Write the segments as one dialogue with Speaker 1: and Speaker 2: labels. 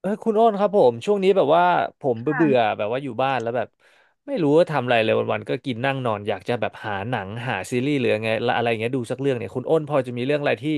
Speaker 1: เออคุณโอ้นครับผมช่วงนี้แบบว่าผมเบื่อเบื่อ
Speaker 2: ค่ะ
Speaker 1: แบบว่าอยู่บ้านแล้วแบบไม่รู้ว่าทำอะไรเลยวันๆก็กินนั่งนอนอยากจะแบบหาหนังหาซีรีส์หรือไงละอะไรอย่างเงี้ยดูสักเรื่องเนี่ยคุณโอ้นพอจะมีเรื่องอะไรที่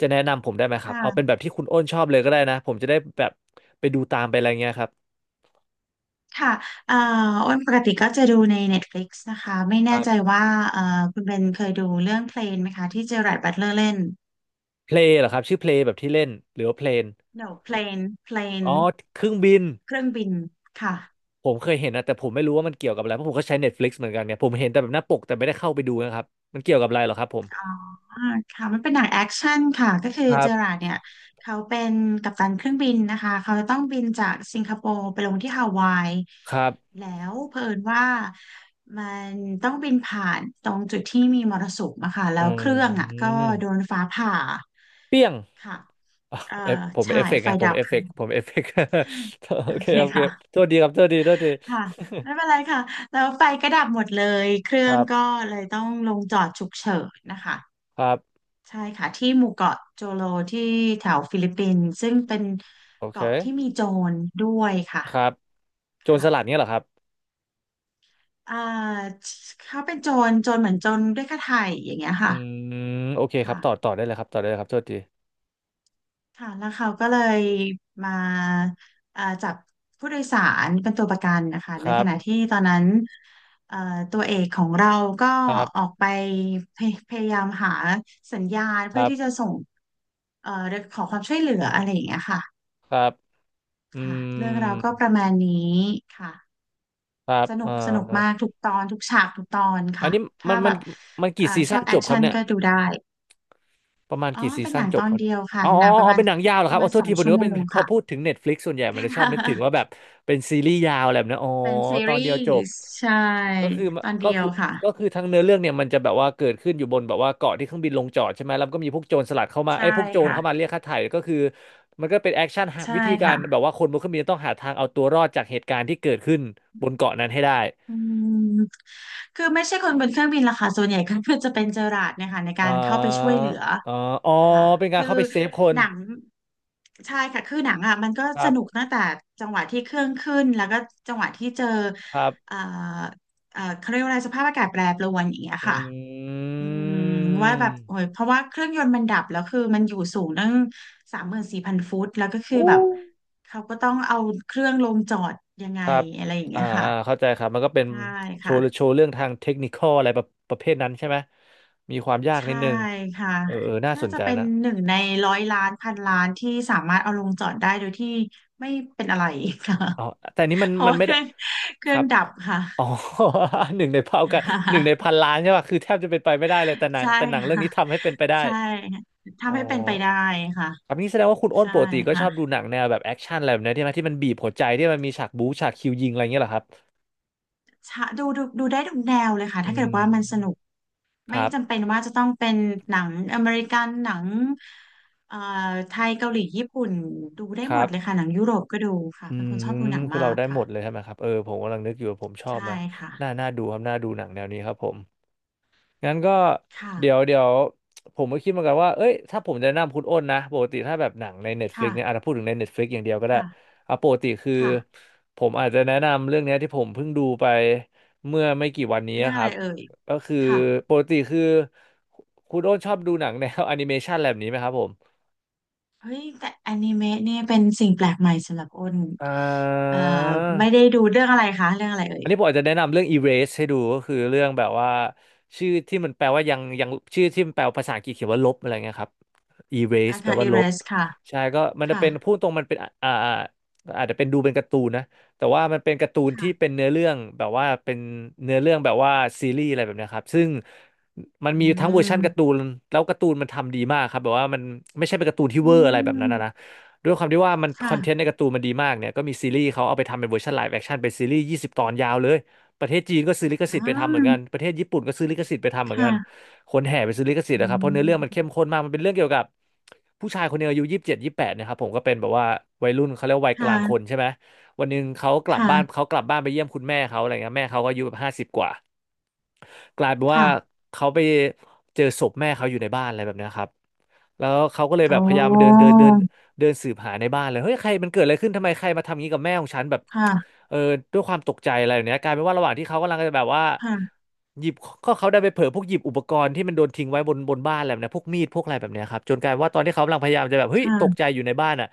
Speaker 1: จะแนะนำผมได้ไหมครับเอาเป็น
Speaker 2: ค่ะ
Speaker 1: แบบที่คุณโอ้นชอบเลยก็ได้นะผมจะได้แบบไปดูตามไปอะไรเงี้ยครับ
Speaker 2: ค่ะเอ่ออ้นปกติก็จะดูใน Netflix นตฟลิกซ์นะคะ ไม่
Speaker 1: ค
Speaker 2: แน่
Speaker 1: รั
Speaker 2: ใจ
Speaker 1: บ
Speaker 2: ว่าเอ่อคุณเบนเคยดูเรื่องเพลนไหมคะที่เจอราร์ดบัตเลอร์เล่น
Speaker 1: เพลงเหรอครับชื่อเพลงแบบที่เล่นหรือว่าเพลน
Speaker 2: No Plane
Speaker 1: อ๋อ
Speaker 2: Plane
Speaker 1: เครื่องบิน
Speaker 2: เครื่องบิน ค่ะ
Speaker 1: ผมเคยเห็นนะแต่ผมไม่รู้ว่ามันเกี่ยวกับอะไรเพราะผมก็ใช้ Netflix เหมือนกันเนี่ยผมเห็นแต่แบบหน้าปกแต่ไม่ได้เข้าไปดูนะครับมันเกี่ยวกับอะไรเหรอครับผม
Speaker 2: อ่าค่ะมันเป็นหนังแอคชั่นค่ะก็คือ
Speaker 1: ครั
Speaker 2: เจอรา
Speaker 1: บ
Speaker 2: ร์ดเนี่ยเขาเป็นกัปตันเครื่องบินนะคะเขาต้องบินจากสิงคโปร์ไปลงที่ฮาวาย
Speaker 1: ครับ
Speaker 2: แล้วเผอิญว่ามันต้องบินผ่านตรงจุดที่มีมรสุมอะค่ะแล้
Speaker 1: อื
Speaker 2: วเครื่องอะก็โด
Speaker 1: ม
Speaker 2: นฟ้าผ่า
Speaker 1: เปี้ยง
Speaker 2: ค่ะ
Speaker 1: อ่ะ
Speaker 2: เอ่อ
Speaker 1: เอฟผม
Speaker 2: ใช่
Speaker 1: เอฟเฟกต์
Speaker 2: ไฟ
Speaker 1: นะผ
Speaker 2: ดั
Speaker 1: ม
Speaker 2: บ
Speaker 1: เอฟเฟกต์ผมเอฟเฟกต์ โอ
Speaker 2: โอ
Speaker 1: เค
Speaker 2: เค
Speaker 1: โอเค
Speaker 2: ค่ะ
Speaker 1: โทษดีครับโทษดีโทษดี
Speaker 2: ค่ะไม่เป็นไรค่ะแล้วไฟก็ดับหมดเลยเครื่
Speaker 1: ค
Speaker 2: อง
Speaker 1: รั
Speaker 2: ก็
Speaker 1: บ
Speaker 2: เลยต้องลงจอดฉุกเฉินนะคะ
Speaker 1: ครับ
Speaker 2: ใช่ค่ะที่หมู่เกาะโจโลที่แถวฟิลิปปินส์ซึ่งเป็น
Speaker 1: โอเค
Speaker 2: เกาะที่มีโจรด้วยค่ะ
Speaker 1: ครับโจรสลัด
Speaker 2: ค่ะ
Speaker 1: เนี้ยเหรอครับ
Speaker 2: อ่าเขาเป็นโจรโจรเหมือนโจรด้วยค่าไถ่อย่างเงี้ย
Speaker 1: อื
Speaker 2: ค่ะ
Speaker 1: มโอเคครับ
Speaker 2: ค่ะ
Speaker 1: ต่อได้เลยครับต่อได้เลยครับโทษที
Speaker 2: ค่ะแล้วเขาก็เลยมาจับผู้โดยสารเป็นตัวประกันนะคะ
Speaker 1: ค
Speaker 2: ใน
Speaker 1: รั
Speaker 2: ขณะ
Speaker 1: บ
Speaker 2: ที่ตอนนั้นเอ่อตัวเอกของเราก็
Speaker 1: ครั
Speaker 2: ออ
Speaker 1: บ
Speaker 2: กไปพยายามหาสัญญาณ
Speaker 1: ค
Speaker 2: เพื่
Speaker 1: รั
Speaker 2: อที่จะ
Speaker 1: บ
Speaker 2: ส่งเอ่อขอความช่วยเหลืออะไรอย่างเงี้ยค่ะ
Speaker 1: ครับอื
Speaker 2: ค่ะเรื่องเราวก็
Speaker 1: ม
Speaker 2: ประมาณนี้ค่ะ
Speaker 1: ครับ
Speaker 2: สนุกมากทุกตอนทุกฉากทุกตอน
Speaker 1: อัน
Speaker 2: ค่ะ
Speaker 1: นี้มั
Speaker 2: ถ้า
Speaker 1: น
Speaker 2: แบ
Speaker 1: มัน
Speaker 2: บ
Speaker 1: มันกี่ซี
Speaker 2: ช
Speaker 1: ซั่
Speaker 2: อ
Speaker 1: น
Speaker 2: บแอ
Speaker 1: จ
Speaker 2: ค
Speaker 1: บครับ
Speaker 2: ชั่น
Speaker 1: เนี่ย
Speaker 2: ก็ดูได้
Speaker 1: ประมาณ
Speaker 2: อ๋อ
Speaker 1: กี่ซี
Speaker 2: เป็นห
Speaker 1: ซั่น
Speaker 2: นัง
Speaker 1: จ
Speaker 2: ต
Speaker 1: บ
Speaker 2: อน
Speaker 1: ครับ
Speaker 2: เดียวค่ะ
Speaker 1: อ๋อ
Speaker 2: ห
Speaker 1: อ๋
Speaker 2: นั
Speaker 1: อ
Speaker 2: ง
Speaker 1: อ๋อเป็นหนังยาวเหรอ
Speaker 2: ป
Speaker 1: ครั
Speaker 2: ระ
Speaker 1: บอ๋
Speaker 2: มา
Speaker 1: อ
Speaker 2: ณ
Speaker 1: โท
Speaker 2: ส
Speaker 1: ษ
Speaker 2: อง
Speaker 1: ทีผม
Speaker 2: ชั่
Speaker 1: นึ
Speaker 2: ว
Speaker 1: ก
Speaker 2: โม
Speaker 1: ว่าเป็น
Speaker 2: ง
Speaker 1: พอ
Speaker 2: ค่ะ
Speaker 1: พูดถึง Netflix ส่วนใหญ่มันจะชอบนึกถึงว่าแบ บเป็นซีรีส์ยาวอะไรแบบนั้นอ๋อ
Speaker 2: เป็นซี
Speaker 1: ตอน
Speaker 2: รี
Speaker 1: เดียวจบ
Speaker 2: ส์ใช่
Speaker 1: ก็คือ
Speaker 2: ตอน
Speaker 1: ก็
Speaker 2: เดียว
Speaker 1: คือ
Speaker 2: ค่ะ
Speaker 1: ก็คือทั้งเนื้อเรื่องเนี่ยมันจะแบบว่าเกิดขึ้นอยู่บนแบบว่าเกาะที่เครื่องบินลงจอดใช่ไหมแล้วก็มีพวกโจรสลัดเข้ามา
Speaker 2: ใช่
Speaker 1: ไอ้ยพวกโจร
Speaker 2: ค่ะ
Speaker 1: เข้ามาเรียกค่าไถ่ก็คือมันก็เป็นแอคชั่น
Speaker 2: ใช่
Speaker 1: วิธีการแบ
Speaker 2: ค่ะ
Speaker 1: บว่าคนบนเครื่องบินต้องหาทางเอาตัวรอดจากเหตุการณ์ที่เกิดขึ้นบนเกาะนั้นให้ได้
Speaker 2: อืมคือไม่ใช่คนบนเครื่องบินล่ะค่ะส่วนใหญ่ก็ คือจะเป็นเจอราร์ดเนี่ยค่ะใน
Speaker 1: เอ่
Speaker 2: การเข้าไปช่วย
Speaker 1: อ
Speaker 2: เหลือ
Speaker 1: เอ่ออ๋อ
Speaker 2: ค่ะ
Speaker 1: เป็นการ
Speaker 2: คือ
Speaker 1: เข้าไปเซฟคน
Speaker 2: หนังใช่ค่ะคือหนังอ่ะมันก็
Speaker 1: ครั
Speaker 2: สนุก
Speaker 1: บ
Speaker 2: ตั้งแต่จังหวะที่เครื่องขึ้นแล้วก็จังหวะที่เจอ
Speaker 1: ครั
Speaker 2: เอ่อ
Speaker 1: บ
Speaker 2: เขาเรียกว่าอะไรสภาพอากาศแปรปรวนอย่างเงี้ย
Speaker 1: อ
Speaker 2: ค่ะ
Speaker 1: ื
Speaker 2: อืมว่าแบบโอ้ย
Speaker 1: ม
Speaker 2: เพราะว่าเครื่องยนต์มันดับแล้วคือมันอยู่สูงตั้ง34,000 ฟุตแล้วก็คือ
Speaker 1: อู้
Speaker 2: แบบเขาก็ต้องเอาเครื่องลงจอดยังไง
Speaker 1: ครับ
Speaker 2: อะไรอย่างเงี้
Speaker 1: อ่า
Speaker 2: ยค่ะ
Speaker 1: อ่าเข้าใจครับ มันก็เป็น
Speaker 2: ใช่
Speaker 1: โช
Speaker 2: ค่ะ
Speaker 1: ว์โชว์เรื่องทางเทคนิคอลอะไรประเภทนั้นใช่ไหม มีความยากนิ
Speaker 2: ใช่
Speaker 1: ดนึง
Speaker 2: ค่ะ
Speaker 1: เออเออน่าส
Speaker 2: น่า
Speaker 1: น
Speaker 2: จะ
Speaker 1: ใจ
Speaker 2: เป็น
Speaker 1: นะ
Speaker 2: หนึ่งในร้อยล้านพันล้านที่สามารถเอาลงจอดได้โดยที่ไม่เป็นอะไรค่ะ
Speaker 1: อ๋อแต่นี้มั น
Speaker 2: เพราะ
Speaker 1: มัน
Speaker 2: ว่า
Speaker 1: ไม่ได้
Speaker 2: เค
Speaker 1: ค
Speaker 2: รื่อ
Speaker 1: รั
Speaker 2: ง
Speaker 1: บ
Speaker 2: ดับค่ะ
Speaker 1: อ๋อ หนึ่งในเผ่ากัน หนึ่งใน พันล้านใช่ป่ะคือแทบจะเป็นไปไม่ได้เลย
Speaker 2: ใช่
Speaker 1: แต่หนังเรื่อง
Speaker 2: ค่ะ
Speaker 1: นี้ทำให้เป็นไปได้
Speaker 2: ใช่
Speaker 1: อ๋อ
Speaker 2: ทำให้เป็นไปได้ค่ะ
Speaker 1: ครับนี่แสดงว่าคุณอ้น
Speaker 2: ใช่
Speaker 1: ปกติก็ช
Speaker 2: ค่ะ
Speaker 1: อบดูหนังแนวแบบแอคชั่นอะไรแบบนี้ใช่ไหมที่มันบีบหัวใจที่มันมีฉากบู๊ฉากคิวยิงอะไรอย่างเงี้ยเหรอครับ
Speaker 2: ชะดูได้ทุกแนวเลยค่ะ
Speaker 1: อื
Speaker 2: ถ้าเกิดว่ามันสนุก
Speaker 1: มค
Speaker 2: ไม่
Speaker 1: รั
Speaker 2: จำเป็
Speaker 1: บ
Speaker 2: นว่าจะต้องเป็นหนังอเมริกันหนังเอ่อไทยเกาหลีญี่ปุ่นดูได้
Speaker 1: ค
Speaker 2: หม
Speaker 1: รั
Speaker 2: ดเลย
Speaker 1: บ
Speaker 2: ค่ะหนังยุโรปก็ดูค่ะ
Speaker 1: อื
Speaker 2: เป็น
Speaker 1: ม
Speaker 2: คนชอบดูหนัง
Speaker 1: คือ
Speaker 2: มา
Speaker 1: เรา
Speaker 2: ก
Speaker 1: ได้หม
Speaker 2: ค่ะ
Speaker 1: ดเลยใช่ไหมครับเออผมกำลังนึกอยู่ว่าผมชอบไห
Speaker 2: ใช่
Speaker 1: ม
Speaker 2: ค่ะ
Speaker 1: น่าดูครับน่าดูหนังแนวนี้ครับผมงั้นก็เดี๋ยว
Speaker 2: ค่ะ
Speaker 1: เดี๋ยวผมก็คิดเหมือนกันว่าเอ้ยถ้าผมจะแนะนำคุณอ้นนะปกติถ้าแบบหนังใน Netflix เนี่ยอาจ
Speaker 2: ค่ะ
Speaker 1: จะพูดถึงใน Netflix อย่างเดียวก็ได้
Speaker 2: ค่ะ
Speaker 1: เอาปกติคือ
Speaker 2: ค่ะ
Speaker 1: ผมอาจจะแนะนำเรื่องเนี้ยที่ผมเพิ่งดูไปเมื่อไม่กี่วันนี้
Speaker 2: เรื่อง
Speaker 1: ค
Speaker 2: อะ
Speaker 1: รั
Speaker 2: ไร
Speaker 1: บ
Speaker 2: เอ่ย
Speaker 1: ก็คือ
Speaker 2: ค่ะ
Speaker 1: ปกติคือคุณอ้นชอบดูหนังแนว แอนิเมชันแบบนี้ไหมครับผม
Speaker 2: เฮ้ยแต่อนิเมะเนี่ยเป็นสิ่งแปลกใหม่สำหรับอ้น
Speaker 1: อ่
Speaker 2: เอ่อไม่ได้
Speaker 1: า
Speaker 2: ดูเรื่องอะไรคะเรื่องอะไรเอ่
Speaker 1: อั
Speaker 2: ย
Speaker 1: นนี้ผมอาจจะแนะนำเรื่อง erase ให้ดูก็คือเรื่องแบบว่าชื่อที่มันแปลว่ายังยังชื่อที่มันแปลภาษาอังกฤษเขียนว่าลบอะไรเงี้ยครับ erase
Speaker 2: อา
Speaker 1: แปล
Speaker 2: คา
Speaker 1: ว่า
Speaker 2: อิ
Speaker 1: ล
Speaker 2: เร
Speaker 1: บ
Speaker 2: สค่ะ
Speaker 1: ใช่ก็มันจะ
Speaker 2: ค่ะ
Speaker 1: เป็นพูดตรงมันเป็นอาจจะเป็นดูเป็นการ์ตูนนะแต่ว่ามันเป็นการ์ตูนที่เป็
Speaker 2: ค่ะ
Speaker 1: นเนื้อเรื่องแบบว่าเป็นเนื้อเรื่องแบบว่าซีรีส์อะไรแบบเนี้ยครับซึ่งมัน
Speaker 2: อื
Speaker 1: มีทั้งเวอร์ชันการ์ตู
Speaker 2: ม
Speaker 1: นแล้วการ์ตูนมันทำดีมากครับแบบว่ามันไม่ใช่เป็นการ์ตูนที่
Speaker 2: อื
Speaker 1: เวอร์อะไรแบบนั้นนะ
Speaker 2: ม
Speaker 1: ด้วยความที่ว่ามันคอนเทนต์
Speaker 2: ค่ะ
Speaker 1: ในการ์ตูนมันดีมากเนี่ยก็มีซีรีส์เขาเอาไปทำเป็นเวอร์ชันไลฟ์แอคชั่นเป็นซีรีส์20ตอนยาวเลยประเทศจีนก็ซื้อลิข
Speaker 2: อ่
Speaker 1: สิทธิ์ไปทำเหมือนกัน
Speaker 2: า
Speaker 1: ประเทศญี่ปุ่นก็ซื้อลิขสิทธิ์ไปทำเหมือนกัน
Speaker 2: ค่ะ
Speaker 1: คนแห่ไปซื้อลิขสิทธิ์
Speaker 2: อื
Speaker 1: นะครับเพราะเนื้อเรื่องมันเข้ม
Speaker 2: ม
Speaker 1: ข้นมากมันเป็นเรื่องเกี่ยวกับผู้ชายคนหนึงอายุยี่สิบเจ็ดยี่สิบแปดนะครับผมก็เป็นแบบว่าวัยรุ่นเขาเรียกว่าวัย
Speaker 2: ค
Speaker 1: กลางคน
Speaker 2: ่ะ
Speaker 1: ใช่ไหมวันหนึ่งเขากลับบ้าน
Speaker 2: ค่ะ
Speaker 1: เขากลับบ้านไปเยี่ยมคุณแม่เขาอะไรเงี้ยแม่เขาก็อายุแบบห้าสิบกว่ากลายเป็นว่า
Speaker 2: ค่ะ
Speaker 1: เขาไปเจอศพแม่เขาอยู่ในบ้านอะไรแบบเนี้ยครับ แล้วเขาก็เลยแบบ
Speaker 2: โอ้
Speaker 1: พยายามมาเดินเดินเดินเดินสืบหาในบ้านเลยเฮ้ยใครมันเกิดอะไรขึ้นทำไมใครมาทำงี้กับแม่ของฉันแบบ
Speaker 2: ค่ะ
Speaker 1: เออด้วยความตกใจอะไรแบบเนี้ยกลายเป็นว่าระหว่างที่เขากำลังจะแบบว่า
Speaker 2: ค่ะ
Speaker 1: หยิบก็เขาได้ไปเผลอพวกหยิบอุปกรณ์ที่มันโดนทิ้งไว้บนบ้านอะไรแบบเนี้ยพวกมีดพวกอะไรแบบเนี้ยครับจนกลายเป็นว่าตอนที่เขากำลังพยายามจะแบบเฮ้ยตกใจ
Speaker 2: ค่ะ
Speaker 1: อยู่ในบ้านอ่ะ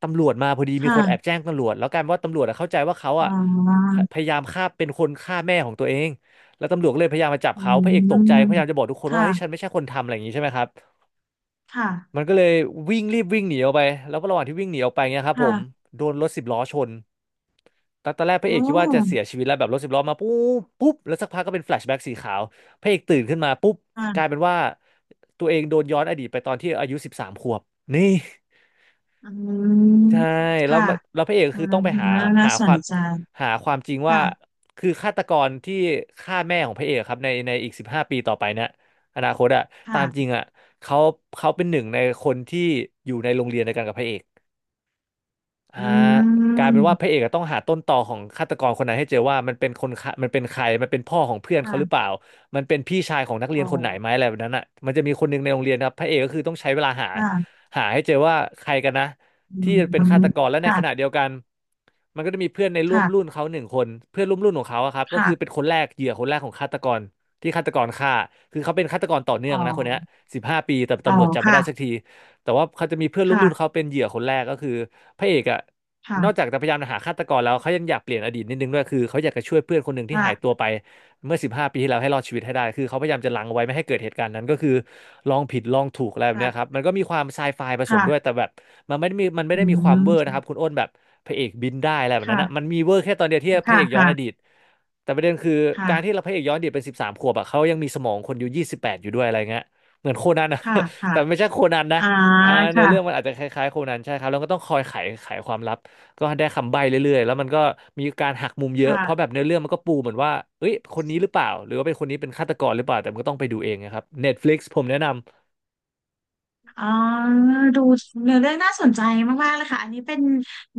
Speaker 1: ตำรวจมาพอดีมีคนแอบ
Speaker 2: ค่ะ
Speaker 1: แจ้งตำรวจแล้วกลายเป็นว่าตำรวจอะเข้าใจว่าเขาอ่ะ
Speaker 2: อ๋อ
Speaker 1: พยายามฆ่าเป็นคนฆ่าแม่ของตัวเองแล้วตำรวจก็เลยพยายามมาจับ
Speaker 2: อื
Speaker 1: เขาพระเอกตกใจพยา
Speaker 2: ม
Speaker 1: ยามจะบอกทุกคนว่าเฮ้ยฉัน
Speaker 2: ค่ะ
Speaker 1: ไม่ใช่คนทำอะไรอย่างนี้ใช่ไหมครับ
Speaker 2: ค่ะ
Speaker 1: มันก็เลยวิ่งรีบวิ่งหนีออกไปแล้วก็ระหว่างที่วิ่งหนีออกไปเงี้ยครับผม
Speaker 2: ค่ะ
Speaker 1: โดนรถสิบล้อชนตอนแรกพระเอ
Speaker 2: อ๋
Speaker 1: ก
Speaker 2: อ
Speaker 1: คิดว่าจะเสียชีวิตแล้วแบบรถสิบล้อมาปุ๊บปุ๊บแล้วสักพักก็เป็นแฟลชแบ็กสีขาวพระเอกตื่นขึ้นมาปุ๊บกลาย
Speaker 2: ค่ะ
Speaker 1: เป็นว่าตัวเองโดนย้อนอดีตไปตอนที่อายุสิบสามขวบนี่
Speaker 2: อืม
Speaker 1: ใช่แล้ว
Speaker 2: ค่ะ
Speaker 1: มันแล้วพระเอกก็
Speaker 2: อ่า
Speaker 1: คือต้องไป
Speaker 2: น่า
Speaker 1: หา
Speaker 2: ส
Speaker 1: ควา
Speaker 2: น
Speaker 1: ม
Speaker 2: ใจ
Speaker 1: หาความจริงว่า
Speaker 2: ค่ะ
Speaker 1: คือฆาตกรที่ฆ่าแม่ของพระเอกครับในอีกสิบห้าปีต่อไปเนี่ยอนาคตอะตามจริง
Speaker 2: ค่ะ
Speaker 1: อะเขาเขาเป็นหนึ่งในคนที่อยู่ในโรงเรียนเดียวกันกับพระเอก อ่า
Speaker 2: อื
Speaker 1: กลายเป็นว่าพระ
Speaker 2: ม
Speaker 1: เอกอะต้องหาต้นตอของฆาตกรคนนั้นให้เจอว่ามันเป็นคนฆ่ามันเป็นใครมันเป็นพ่อของเพื่อนเขาหรือเป
Speaker 2: ค่ะ
Speaker 1: ล่ามันเป็นพี่ชายของนักเรี
Speaker 2: อ๋
Speaker 1: ย
Speaker 2: อ
Speaker 1: นคนไหนไหมอะไรแบบนั้นอ่ะมันจะมีคนหนึ่งในโรงเรียนนะครับพระเอกก็คือต้องใช้เวลา
Speaker 2: ค่ะ
Speaker 1: หาให้เจอว่าใครกันนะ
Speaker 2: อื
Speaker 1: ที่
Speaker 2: ม
Speaker 1: เป็นฆาตกรและในขณะ
Speaker 2: ค่ะ
Speaker 1: เดียวกันมันก็จะมีเพื่อนในร่วมรุ่น
Speaker 2: ค่ะ
Speaker 1: เขาหนึ่งคนเพื่อนร่วมรุ่นของเขาอะครับก็คือเป็น
Speaker 2: ค่ะ
Speaker 1: คนแรกเหยื่อคนแรกของฆาตกรที่ฆาตกรฆ่าคือเขาเป็นฆาตกรต่อเนื่อ
Speaker 2: อ๋อ
Speaker 1: งนะคนเนี้สิบห้าปีแต่
Speaker 2: อ๋อ
Speaker 1: ตำรวจจับไม่
Speaker 2: ค่ะ
Speaker 1: ได้สักที แต่ว่าเขาจะมีเพื่อนร่วมรุ่นเขา
Speaker 2: ค่ะ
Speaker 1: เป็นเหยื่อคนแรกก็คือพระเอกอะนอก
Speaker 2: ค่ะ
Speaker 1: จากจะพยายามหาฆาตกรแล้วเขายังอยากเปลี่ยนอดีตนิดนึงด้วยคือเขาอยากจะช่วยเพื่อนคนหนึ่งที่หายตั
Speaker 2: ค่ะ
Speaker 1: วไปเมื่อ15ปีที่แล้วให้รอดชีวิตให้ได้คือเขาพยายามจะลังเอาไว้ไม่ให้เกิดเหตุการณ์นั้นก็คือลองผิดลองถูกอะไรแบบเนี้ยครับ
Speaker 2: ค่ะ
Speaker 1: มันก็มีความไซไฟผสมด้วยแต่
Speaker 2: ค่ะ
Speaker 1: แบบมันไม่
Speaker 2: อื
Speaker 1: ได้มีความเวอร์นะ
Speaker 2: ม
Speaker 1: ครับคุณอ้นแบบพระเอกบินได้อะไรแบบนั้น
Speaker 2: ค่ะ
Speaker 1: นะมันมีเวอร์แค่ตอนเดียวที่พระ
Speaker 2: ค่ะ
Speaker 1: เอกย้อนอดี
Speaker 2: ค่ะ
Speaker 1: ตแต่ประเด็นคือ
Speaker 2: ค่ะ
Speaker 1: การที่เราพระเอกย้อนอดีตเป็นสิบสามขวบอะเขายังมีสมองคนอยู่ยี่สิบแปดอยู่ด้วยอะไรเงี้ยเหมือนโคนันอะ
Speaker 2: ค่ะ ค่ะ
Speaker 1: แต่ไม่ใช่โคนันนะ
Speaker 2: อ่า
Speaker 1: อ่าเนื้อเรื่องมัน
Speaker 2: ค่ะ
Speaker 1: อาจจะคล้ายๆโคนันใช่ครับแล้วก็ต้องคอยไขไขความลับก็ได้คำใบ้เรื่อยๆแล้วมันก็มีการหักมุมเยอะ
Speaker 2: ค่ะ
Speaker 1: เพราะแบบเนื้อเรื่องมันก็ปูเหมือนว่าเอ้ยคนนี้หรือเปล่าหรือว่าเป็นคนนี้เป็นฆาตกรหรือเปล่าแต่มันก็ต้องไปดูเองนะครับ Netflix ผมแนะน
Speaker 2: อ๋อดูเนื้อเรื่องน่าสนใจมากๆเลยค่ะอันนี้เป็น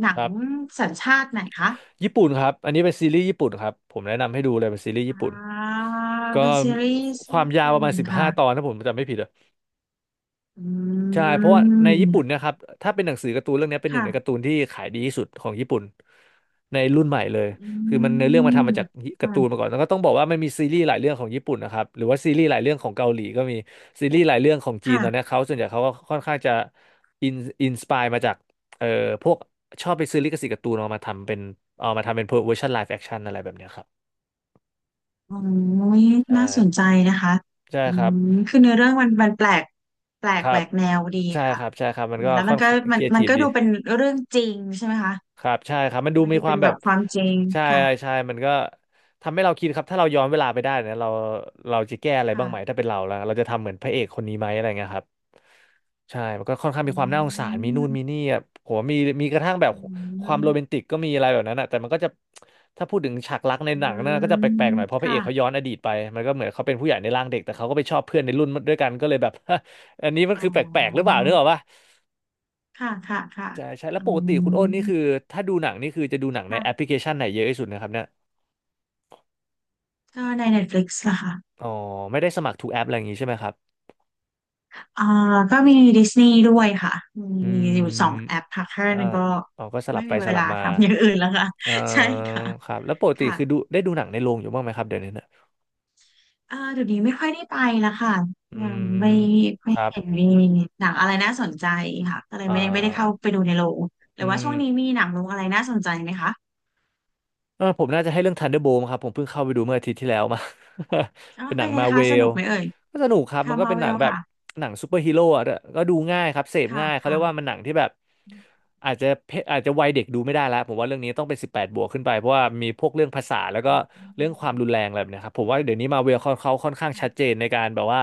Speaker 2: หนั
Speaker 1: ค
Speaker 2: ง
Speaker 1: รับ
Speaker 2: สัญชาติ ไหนคะ
Speaker 1: ญี่ปุ่นครับอันนี้เป็นซีรีส์ญี่ปุ่นครับผมแนะนำให้ดูเลยเป็นซีรีส์
Speaker 2: อ่
Speaker 1: ญี่ปุ่น
Speaker 2: า
Speaker 1: ก็
Speaker 2: เป็นซีรีส์
Speaker 1: ความ
Speaker 2: ญี่
Speaker 1: ยาว
Speaker 2: ปุ่
Speaker 1: ประมา
Speaker 2: น
Speaker 1: ณสิบ
Speaker 2: ค่ะ
Speaker 1: ห้าตอนถ้าผมจำไม่ผิด
Speaker 2: อื
Speaker 1: ใช่เพราะว่าในญี่ปุ่
Speaker 2: ม
Speaker 1: นเนะครับถ้าเป็นหนังสือการ์ตูนเรื่องนี้เป็นหนึ่งในการ์ตู
Speaker 2: ค่ะ
Speaker 1: นที่ขายดีที่สุดของญี่ปุ่นในรุ่นใหม่เลย
Speaker 2: อื
Speaker 1: คือมันเนื้อเรื่องมา
Speaker 2: ม
Speaker 1: ทำมาจากการ์ตูน
Speaker 2: ค่ะ
Speaker 1: มาก่อนแล้วก็ต้องบอกว่ามันมีซีรีส์หลายเรื่องของญี่ปุ่นนะครับหรือว่าซีรีส์หลายเรื่องของเกาหลีก็มีซีรีส์หลายเรื่องของจีนตอนเนี้
Speaker 2: ค่ะ
Speaker 1: ยเขาส่วนใหญ่เขาก็ค่อนข้างจะอินอินสปายมาจากเอ่อพวกชอบไปซื้อลิขสิทธิ์การ์ตูนเอามาทำเป็นเอามาทำเป็นเวอร์ชันไลฟ์แอคชั่นอะไรแบบเนี้ยครับ
Speaker 2: โอ้ย
Speaker 1: ใช่
Speaker 2: น่าสนใจนะคะ
Speaker 1: ใช่
Speaker 2: อื
Speaker 1: ครับ
Speaker 2: มคือเนื้อเรื่องมันแปลกแปล
Speaker 1: ค
Speaker 2: ก
Speaker 1: รั
Speaker 2: แหว
Speaker 1: บ
Speaker 2: กแนวดี
Speaker 1: ใช่
Speaker 2: ค่ะ
Speaker 1: ครับใช่ครับมั
Speaker 2: อื
Speaker 1: น
Speaker 2: ม
Speaker 1: ก็
Speaker 2: แล้วมั
Speaker 1: ค่อ
Speaker 2: น
Speaker 1: น
Speaker 2: ก็
Speaker 1: ข้างครีเอ
Speaker 2: มั
Speaker 1: ที
Speaker 2: น
Speaker 1: ฟ
Speaker 2: ก็
Speaker 1: ดี
Speaker 2: ดูเป็นเรื่องจริงใช่ไหมคะ
Speaker 1: ครับใช่ครับมันดู
Speaker 2: มัน
Speaker 1: มี
Speaker 2: ดู
Speaker 1: ควา
Speaker 2: เป็
Speaker 1: ม
Speaker 2: น
Speaker 1: แบ
Speaker 2: แบ
Speaker 1: บ
Speaker 2: บความจริง
Speaker 1: ใช่
Speaker 2: ค่ะ
Speaker 1: ใช่มันก็ทำให้เราคิดครับถ้าเราย้อนเวลาไปได้นะเราเราจะแก้อะไรบ้า
Speaker 2: ค่ะ
Speaker 1: งไหมถ้าเป็นเราแล้วเราจะทำเหมือนพระเอกคนนี้ไหมอะไรเงี้ยครับใช่มันก็ค่อนข้าง
Speaker 2: อื
Speaker 1: มีความน่าสงสารมีนู่นมี
Speaker 2: ม
Speaker 1: นี่อะผมว่ามีมีกระทั่งแบบ
Speaker 2: อื
Speaker 1: ความโรแมน
Speaker 2: ม
Speaker 1: ติกก็มีอะไรแบบนั้นอะแต่มันก็จะถ้าพูดถึงฉากรักใน
Speaker 2: อื
Speaker 1: หนังนะก็
Speaker 2: ม
Speaker 1: จะแปลกๆหน่อยเพราะพระเอ
Speaker 2: ค่ะ
Speaker 1: กเขาย้อนอดีตไปมันก็เหมือนเขาเป็นผู้ใหญ่ในร่างเด็กแต่เขาก็ไปชอบเพื่อนในรุ่นด้วยกันก็เลยแบบ อันนี้มัน
Speaker 2: อ๋
Speaker 1: คือแปลกๆหรือเป
Speaker 2: อ
Speaker 1: ล่านึกออกปะ
Speaker 2: ค่ะค่ะค่ะ
Speaker 1: ใช่ใช่แล้
Speaker 2: อื
Speaker 1: วปกติคุณอ้นนี่คือ
Speaker 2: ม
Speaker 1: ถ้าดูหนังนี่คือจะดูหนังในแอปพ
Speaker 2: ค่ะ
Speaker 1: ลิเคชันไหนเยอะที่สุดนะครับเนี่ย
Speaker 2: ก็ใน Netflix ล่ะค่ะ
Speaker 1: อ๋อไม่ได้สมัครทุกแอปอะไรอย่างงี้ใช่ไหมครับ
Speaker 2: อ่าก็มี Disney ด้วยค่ะ
Speaker 1: อื
Speaker 2: มีอยู่สองแอ
Speaker 1: ม
Speaker 2: ปค่ะแค่
Speaker 1: เอ่อ
Speaker 2: นั้นก็
Speaker 1: อ๋อก็สลั
Speaker 2: ไม่
Speaker 1: บไป
Speaker 2: มีเว
Speaker 1: สลั
Speaker 2: ลา
Speaker 1: บมา
Speaker 2: ทำอย่างอื่นแล้วค่ะ
Speaker 1: เอ่อ
Speaker 2: ใช่ค่ะ
Speaker 1: ครับแล้วปกติ
Speaker 2: ค่ะ
Speaker 1: คือดูได้ดูหนังในโรงอยู่บ้างไหมครับเดี๋ยวนี้เนี่ย
Speaker 2: เดี๋ยวนี้ไม่ค่อยได้ไปแล้วค่ะ
Speaker 1: อื
Speaker 2: ยัง
Speaker 1: มค
Speaker 2: ไม่
Speaker 1: รับ
Speaker 2: เห็นมีหนังอะไรน่าสนใจค่ะก็เลย
Speaker 1: อ่
Speaker 2: ไม่ได้เข้า
Speaker 1: า
Speaker 2: ไปดูในโรงหรื
Speaker 1: อื
Speaker 2: อว่า
Speaker 1: ม
Speaker 2: ช่วงนี้มีหนังโรงอะไรน่าสนใจไหมคะ
Speaker 1: เออผมน่าจะให้เรื่อง Thunderbolt ครับผมเพิ่งเข้าไปดูเมื่ออาทิตย์ที่แล้วมา
Speaker 2: อ๋อ
Speaker 1: เป็นหนั
Speaker 2: เป็น
Speaker 1: ง
Speaker 2: ไง
Speaker 1: มาเว
Speaker 2: คะสนุ
Speaker 1: ล
Speaker 2: กไหมเอ่ย
Speaker 1: ก็สนุกครับ
Speaker 2: ค่ะ
Speaker 1: มันก็
Speaker 2: มา
Speaker 1: เป็น
Speaker 2: เว
Speaker 1: หนั
Speaker 2: ล
Speaker 1: งแบบ
Speaker 2: ค่ะ
Speaker 1: หนังซูเปอร์ฮีโร่อะก็ดูง่ายครับเสพ
Speaker 2: ค่ะ
Speaker 1: ง่ายเขาเรี
Speaker 2: ค่ะ
Speaker 1: ยกว่ามันหนังที่แบบ
Speaker 2: อ
Speaker 1: อาจจะเพอาจจะวัยเด็กดูไม่ได้แล้วผมว่าเรื่องนี้ต้องเป็นสิบแปดบวกขึ้นไปเพราะว่ามีพวกเรื่องภาษาแล้วก็
Speaker 2: ื
Speaker 1: เรื่อง
Speaker 2: ม
Speaker 1: ความรุนแรงอะไรแบบเนะครับผมว่าเดี๋ยวนี้มาเวลเขาค่อนข้างชัดเจ
Speaker 2: ค่ะ
Speaker 1: นในการแบบว่า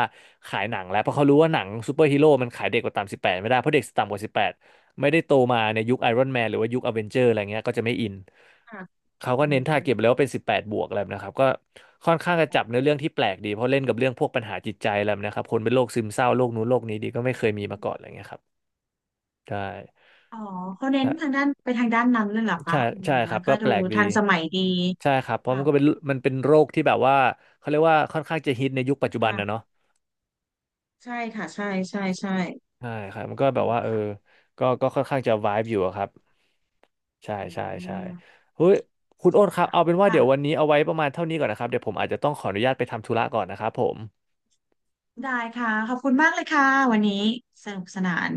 Speaker 1: ขายหนังแล้วเพราะเขารู้ว่าหนังซูเปอร์ฮีโร่มันขายเด็กกว่าต่ำสิบแปดไม่ได้เพราะเด็กต่ำกว่าสิบแปด ไม่ได้โตมาในยุคไอรอนแมนหรือว่ายุคอเวนเจอร์อะไรเงี้ยก็จะไม่อิน
Speaker 2: ค่ะ
Speaker 1: เขาก็
Speaker 2: อื
Speaker 1: เน้นทาร์เก็ตแล้วว่าเป็นสิบแปดบวกอะไรแบบนะครับก็ค่อนข้างจะจับเนื้
Speaker 2: ม
Speaker 1: อเรื่องที่แปลกดีเพราะเล่นกับเรื่องพวกปัญหาจิตใจอะไรแบบนะครับคนเป็นโรคซึมเศร้าโรคนู้นโรคนี้ดีก็ไม่เคยมีมาก่อนอะไรเงี้ยครับใช่
Speaker 2: อ๋อเขาเน้
Speaker 1: ใช่
Speaker 2: นทางด้านไปทางด้านนั้นเลยเหรอคะ
Speaker 1: ใช่
Speaker 2: อืม
Speaker 1: ใช่ค
Speaker 2: แล้
Speaker 1: รั
Speaker 2: ว
Speaker 1: บ
Speaker 2: ก็
Speaker 1: ก็แป
Speaker 2: ดู
Speaker 1: ลกดี
Speaker 2: ทันสมัยดี
Speaker 1: ใช่ครับเพราะ
Speaker 2: ค่ะ
Speaker 1: มันก็เป็นมันเป็นโรคที่แบบว่าเขาเรียกว่าค่อนข้างจะฮิตในยุคปัจจุบันนะเนาะ
Speaker 2: ค่ะใช่ค่ะใช่ใช่ใช่
Speaker 1: ใช่ครับมันก็แบบ
Speaker 2: ถูก
Speaker 1: ว่าเออ
Speaker 2: ค่ะ
Speaker 1: ก็ก็ค่อนข้างจะ vibe อยู่อะครับใช่
Speaker 2: อื
Speaker 1: ใช่ใช่
Speaker 2: ม
Speaker 1: เฮ้ยคุณโอ๊ตครับ
Speaker 2: ค่ะ
Speaker 1: เอาเป็นว่าเดี๋ยววัน
Speaker 2: ค่ะ
Speaker 1: นี้เอาไว้ประมาณเท่านี้ก่อนนะครับเดี๋ยวผมอาจจะต้องขออนุญาตไปทำธุระก่อนนะครับผม
Speaker 2: ได้ค่ะขอบคุณมากเลยค่ะวันนี้สนุกสนาน